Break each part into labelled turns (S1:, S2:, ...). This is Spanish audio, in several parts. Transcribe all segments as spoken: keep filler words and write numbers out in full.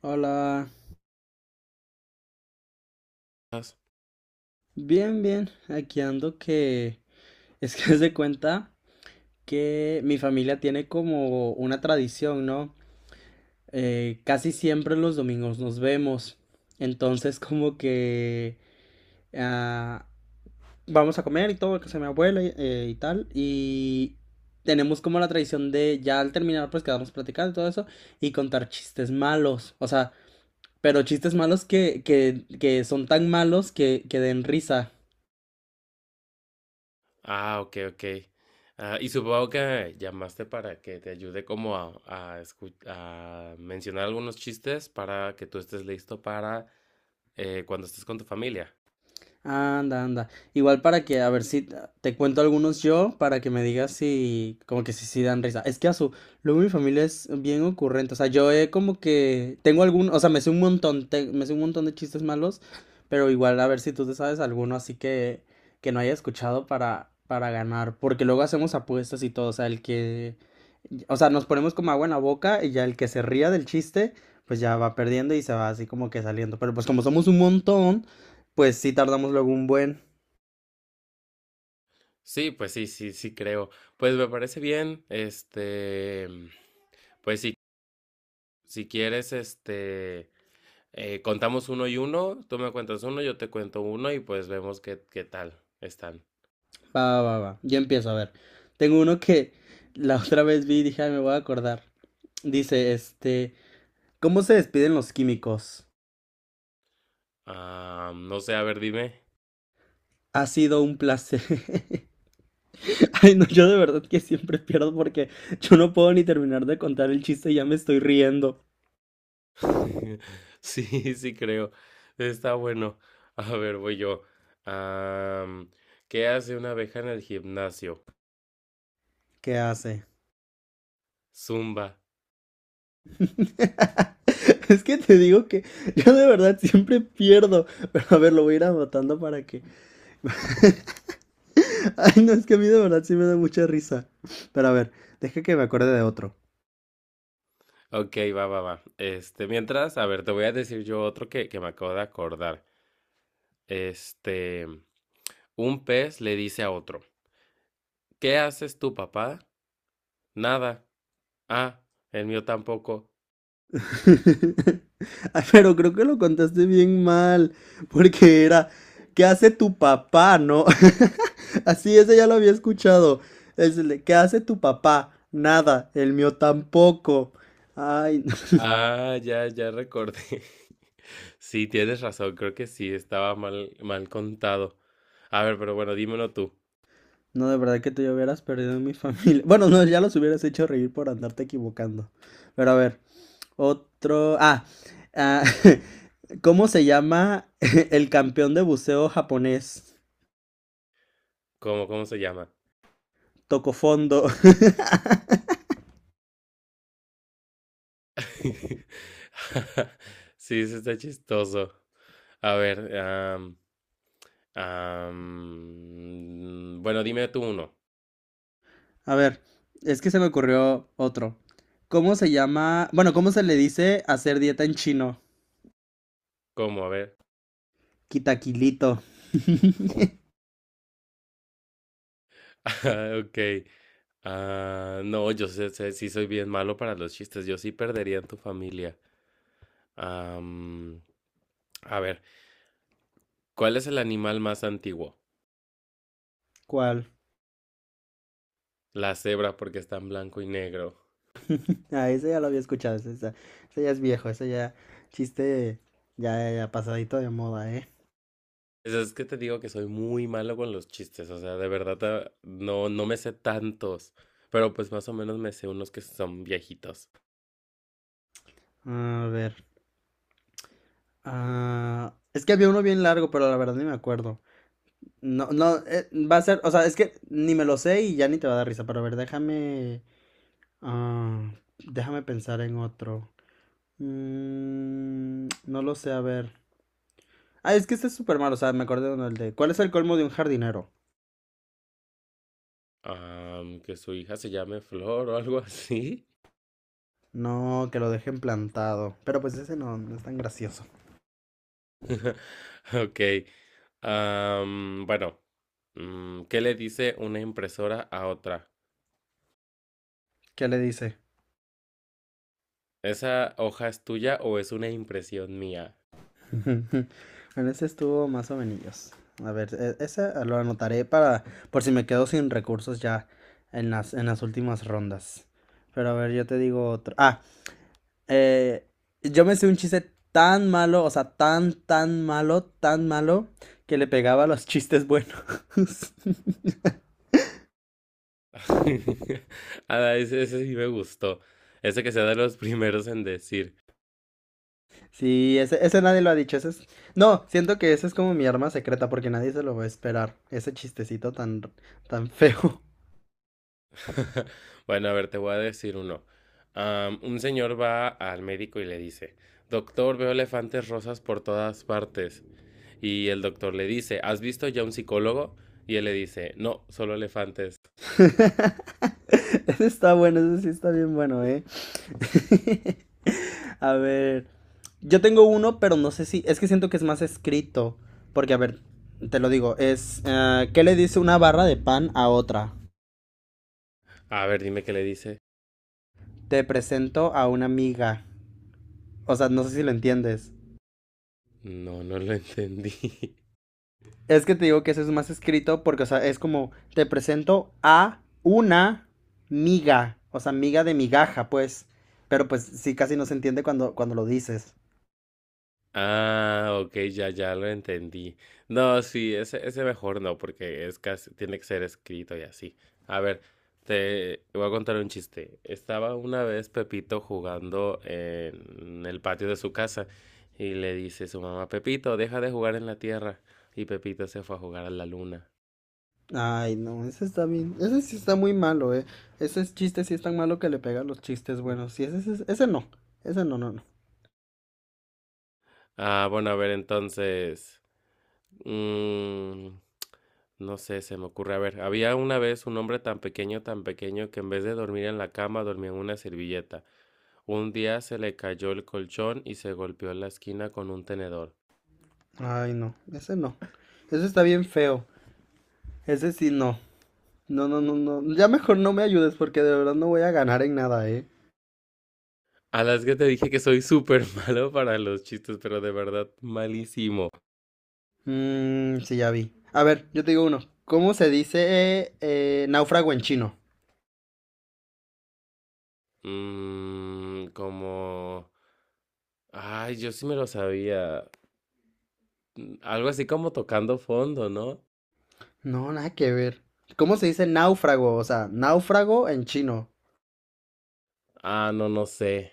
S1: Hola, bien, bien, aquí ando que es que se cuenta que mi familia tiene como una tradición, ¿no? Eh, casi siempre los domingos nos vemos, entonces como que ah, vamos a comer y todo, que se mi abuela y, eh, y tal, y tenemos como la tradición de ya al terminar pues quedarnos platicando y todo eso y contar chistes malos, o sea, pero chistes malos que, que, que son tan malos que, que den risa.
S2: Ah, ok, ok. Ah, y supongo que llamaste para que te ayude como a, a, escu- a mencionar algunos chistes para que tú estés listo para eh, cuando estés con tu familia.
S1: Anda, anda. Igual para que, a ver si te cuento algunos yo, para que me digas si, como que si sí dan risa. Es que a su, luego mi familia es bien ocurrente. O sea, yo he como que, tengo algún, o sea, me sé un montón, te- me sé un montón de chistes malos, pero igual a ver si tú te sabes alguno así que, que no haya escuchado para, para ganar. Porque luego hacemos apuestas y todo, o sea, el que, o sea, nos ponemos como agua en la boca y ya el que se ría del chiste, pues ya va perdiendo y se va así como que saliendo. Pero pues como somos un montón pues sí tardamos luego un buen.
S2: Sí, pues sí, sí, sí creo. Pues me parece bien, este, pues si, si quieres, este, eh, contamos uno y uno, tú me cuentas uno, yo te cuento uno y pues vemos qué, qué tal están.
S1: Va, va, va, va. Yo empiezo a ver. Tengo uno que la otra vez vi y dije, ay, me voy a acordar. Dice, este, ¿cómo se despiden los químicos?
S2: Ah, no sé, a ver, dime.
S1: Ha sido un placer. Ay, no, yo de verdad que siempre pierdo porque yo no puedo ni terminar de contar el chiste y ya me estoy riendo.
S2: Sí, sí creo. Está bueno. A ver, voy yo. Am, ¿Qué hace una abeja en el gimnasio?
S1: ¿Qué hace?
S2: Zumba.
S1: Es que te digo que yo de verdad siempre pierdo. Pero a ver, lo voy a ir anotando para que Ay, no, es que a mí de verdad sí me da mucha risa. Pero a ver, deja que me acuerde de otro.
S2: Ok, va, va, va. Este, mientras, a ver, te voy a decir yo otro que, que me acabo de acordar. Este, un pez le dice a otro, ¿qué haces tú, papá? Nada. Ah, el mío tampoco.
S1: Ay, pero creo que lo contaste bien mal, porque era, ¿qué hace tu papá, no? Así, ese ya lo había escuchado. Es el de, ¿qué hace tu papá? Nada, el mío tampoco. Ay, no,
S2: Ah, ya, ya recordé. Sí, tienes razón, creo que sí, estaba mal, mal contado. A ver, pero bueno, dímelo tú.
S1: no, de verdad que te hubieras perdido en mi familia. Bueno, no, ya los hubieras hecho reír por andarte equivocando. Pero a ver, otro. Ah, ah, ¿cómo se llama el campeón de buceo japonés?
S2: ¿Cómo, cómo se llama?
S1: Tocó fondo.
S2: Sí, eso está chistoso. A ver, am, am, bueno, dime tú uno.
S1: A ver, es que se me ocurrió otro. ¿Cómo se llama? Bueno, ¿cómo se le dice hacer dieta en chino?
S2: ¿Cómo? A ver.
S1: Kitaquilito.
S2: Ok. Ah, no, yo sé, sé- sí soy bien malo para los chistes. Yo sí perdería en tu familia. Am, a ver, ¿cuál es el animal más antiguo?
S1: ¿Cuál?
S2: La cebra porque está en blanco y negro.
S1: Ah, ese ya lo había escuchado. Ese, ese- ese ya es viejo. Ese ya. Chiste ya, ya pasadito de moda, ¿eh?
S2: Es, es que te digo que soy muy malo con los chistes, o sea, de verdad ah, no, no me sé tantos, pero pues más o menos me sé unos que son viejitos.
S1: A ver. Ah, es que había uno bien largo, pero la verdad ni me acuerdo. No, no, eh, va a ser, o sea, es que ni me lo sé y ya ni te va a dar risa, pero a ver, déjame, ah, déjame pensar en otro. Mm, no lo sé, a ver. Ah, es que este es súper malo, o sea, me acordé de uno, el de, ¿cuál es el colmo de un jardinero?
S2: Am, que su hija se llame Flor o algo así.
S1: No, que lo dejen plantado, pero pues ese no, no es tan gracioso.
S2: Ok. Am, bueno, mm, ¿qué le dice una impresora a otra?
S1: ¿Qué le dice?
S2: ¿Esa hoja es tuya o es una impresión mía?
S1: Bueno, ese estuvo más o menos. A ver, e- ese lo anotaré para, por si me quedo sin recursos ya en las, en las últimas rondas. Pero a ver, yo te digo otro. Ah, Eh, yo me sé un chiste tan malo, o sea, tan, tan malo, tan malo, que le pegaba a los chistes buenos.
S2: Ah, ese, ese sí me gustó. Ese que sea de los primeros en decir.
S1: Sí, ese, ese nadie lo ha dicho. Ese es... No, siento que ese es como mi arma secreta porque nadie se lo va a esperar. Ese chistecito tan, tan feo.
S2: Bueno, a ver, te voy a decir uno. Am, un señor va al médico y le dice, doctor, veo elefantes rosas por todas partes. Y el doctor le dice, ¿has visto ya un psicólogo? Y él le dice, no, solo elefantes.
S1: Ese está bueno, ese sí está bien bueno, ¿eh? A ver, yo tengo uno, pero no sé si, es que siento que es más escrito, porque a ver, te lo digo, es, eh, ¿qué le dice una barra de pan a otra?
S2: A ver, dime qué le dice.
S1: Te presento a una amiga. O sea, no sé si lo entiendes.
S2: No, no lo entendí.
S1: Es que te digo que eso es más escrito porque, o sea, es como, te presento a una miga, o sea, miga de migaja, pues, pero pues sí, casi no se entiende cuando, cuando lo dices.
S2: Ah, ok, ya, ya lo entendí. No, sí, ese, ese mejor no, porque es casi, tiene que ser escrito y así. A ver, te voy a contar un chiste. Estaba una vez Pepito jugando en el patio de su casa y le dice su mamá, Pepito, deja de jugar en la tierra. Y Pepito se fue a jugar a la luna.
S1: Ay, no, ese está bien. Ese sí está muy malo, eh. Ese es chiste sí es tan malo que le pega a los chistes buenos. Sí, ese, ese, ese no. Ese no, no, no.
S2: Ah, bueno, a ver, entonces. Mm, no sé, se me ocurre. A ver, había una vez un hombre tan pequeño, tan pequeño, que en vez de dormir en la cama dormía en una servilleta. Un día se le cayó el colchón y se golpeó en la esquina con un tenedor.
S1: Ay, no. Ese no. Ese está bien feo. Ese sí no. No, no, no, no. Ya mejor no me ayudes porque de verdad no voy a ganar en nada, eh.
S2: A las que te dije que soy súper malo para los chistes, pero de verdad malísimo.
S1: Mmm, sí, ya vi. A ver, yo te digo uno. ¿Cómo se dice eh, eh, náufrago en chino?
S2: Mmm, como... Ay, yo sí me lo sabía. Mm, algo así como tocando fondo, ¿no?
S1: No, nada que ver. ¿Cómo se dice náufrago? O sea, náufrago en chino.
S2: Ah, no, no sé.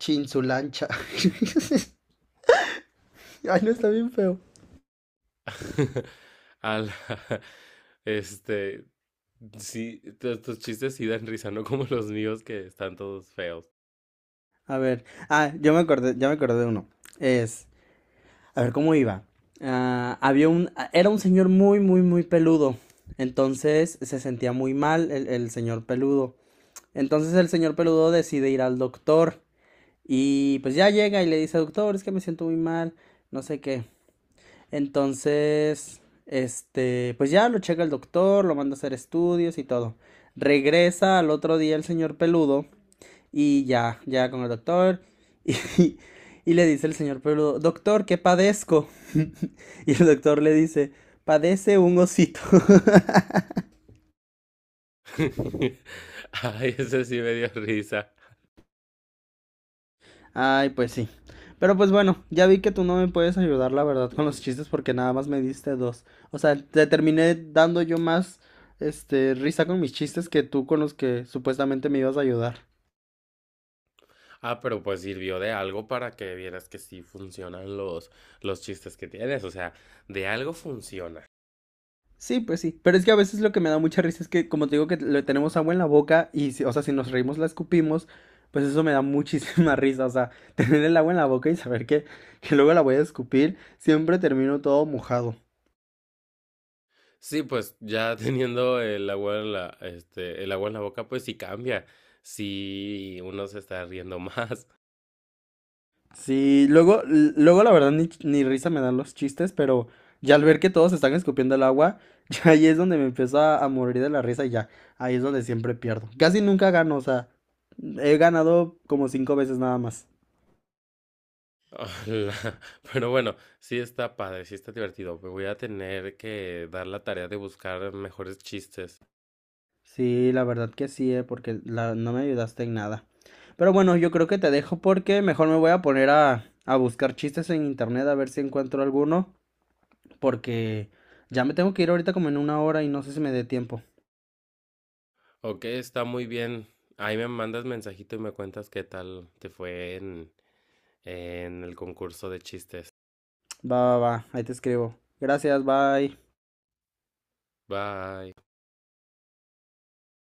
S1: Chinsulancha. Ay, no, está bien feo.
S2: A la- este, sí, tu- tus chistes sí dan risa, no como los míos que están todos feos.
S1: A ver, ah, yo me acordé, ya me acordé de uno. Es, a ver, ¿cómo iba? Ah, había un, ah, era un señor muy, muy, muy peludo. Entonces se sentía muy mal el, el señor peludo. Entonces el señor peludo decide ir al doctor. Y pues ya llega y le dice, doctor, es que me siento muy mal, no sé qué. Entonces, este, pues ya lo checa el doctor, lo manda a hacer estudios y todo. Regresa al otro día el señor peludo y ya, ya con el doctor. Y, y le dice el señor Peludo, doctor, ¿qué padezco? Y el doctor le dice, padece un osito.
S2: Ay, ese sí me dio risa.
S1: Ay, pues sí. Pero pues bueno, ya vi que tú no me puedes ayudar, la verdad, con los chistes porque nada más me diste dos. O sea, te terminé dando yo más, este, risa con mis chistes que tú con los que supuestamente me ibas a ayudar.
S2: Ah, pero pues sirvió de algo para que vieras que sí funcionan los, los chistes que tienes, o sea, de algo funciona.
S1: Sí, pues sí. Pero es que a veces lo que me da mucha risa es que, como te digo, que le tenemos agua en la boca y, si- o sea, si nos reímos la escupimos, pues eso me da muchísima risa. O sea, tener el agua en la boca y saber que, que luego la voy a escupir, siempre termino todo mojado.
S2: Sí, pues ya teniendo el agua en la, este, el agua en la boca, pues sí cambia. Sí, uno se está riendo más.
S1: Sí, luego, l- luego la verdad ni, ni risa me dan los chistes, pero ya al ver que todos están escupiendo el agua, ya ahí es donde me empiezo a, a morir de la risa y ya, ahí es donde siempre pierdo. Casi nunca gano, o sea, he ganado como cinco veces nada más.
S2: Ojalá. Pero bueno, sí está padre, sí está divertido. Me voy a tener que dar la tarea de buscar mejores chistes.
S1: Sí, la verdad que sí, eh, porque la- no me ayudaste en nada. Pero bueno, yo creo que te dejo porque mejor me voy a poner a, a buscar chistes en internet a ver si encuentro alguno, porque ya me tengo que ir ahorita como en una hora y no sé si me dé tiempo.
S2: Ok, está muy bien. Ahí me mandas mensajito y me cuentas qué tal te fue en, en el concurso de chistes.
S1: Va, va, va, ahí te escribo. Gracias, bye.
S2: Bye.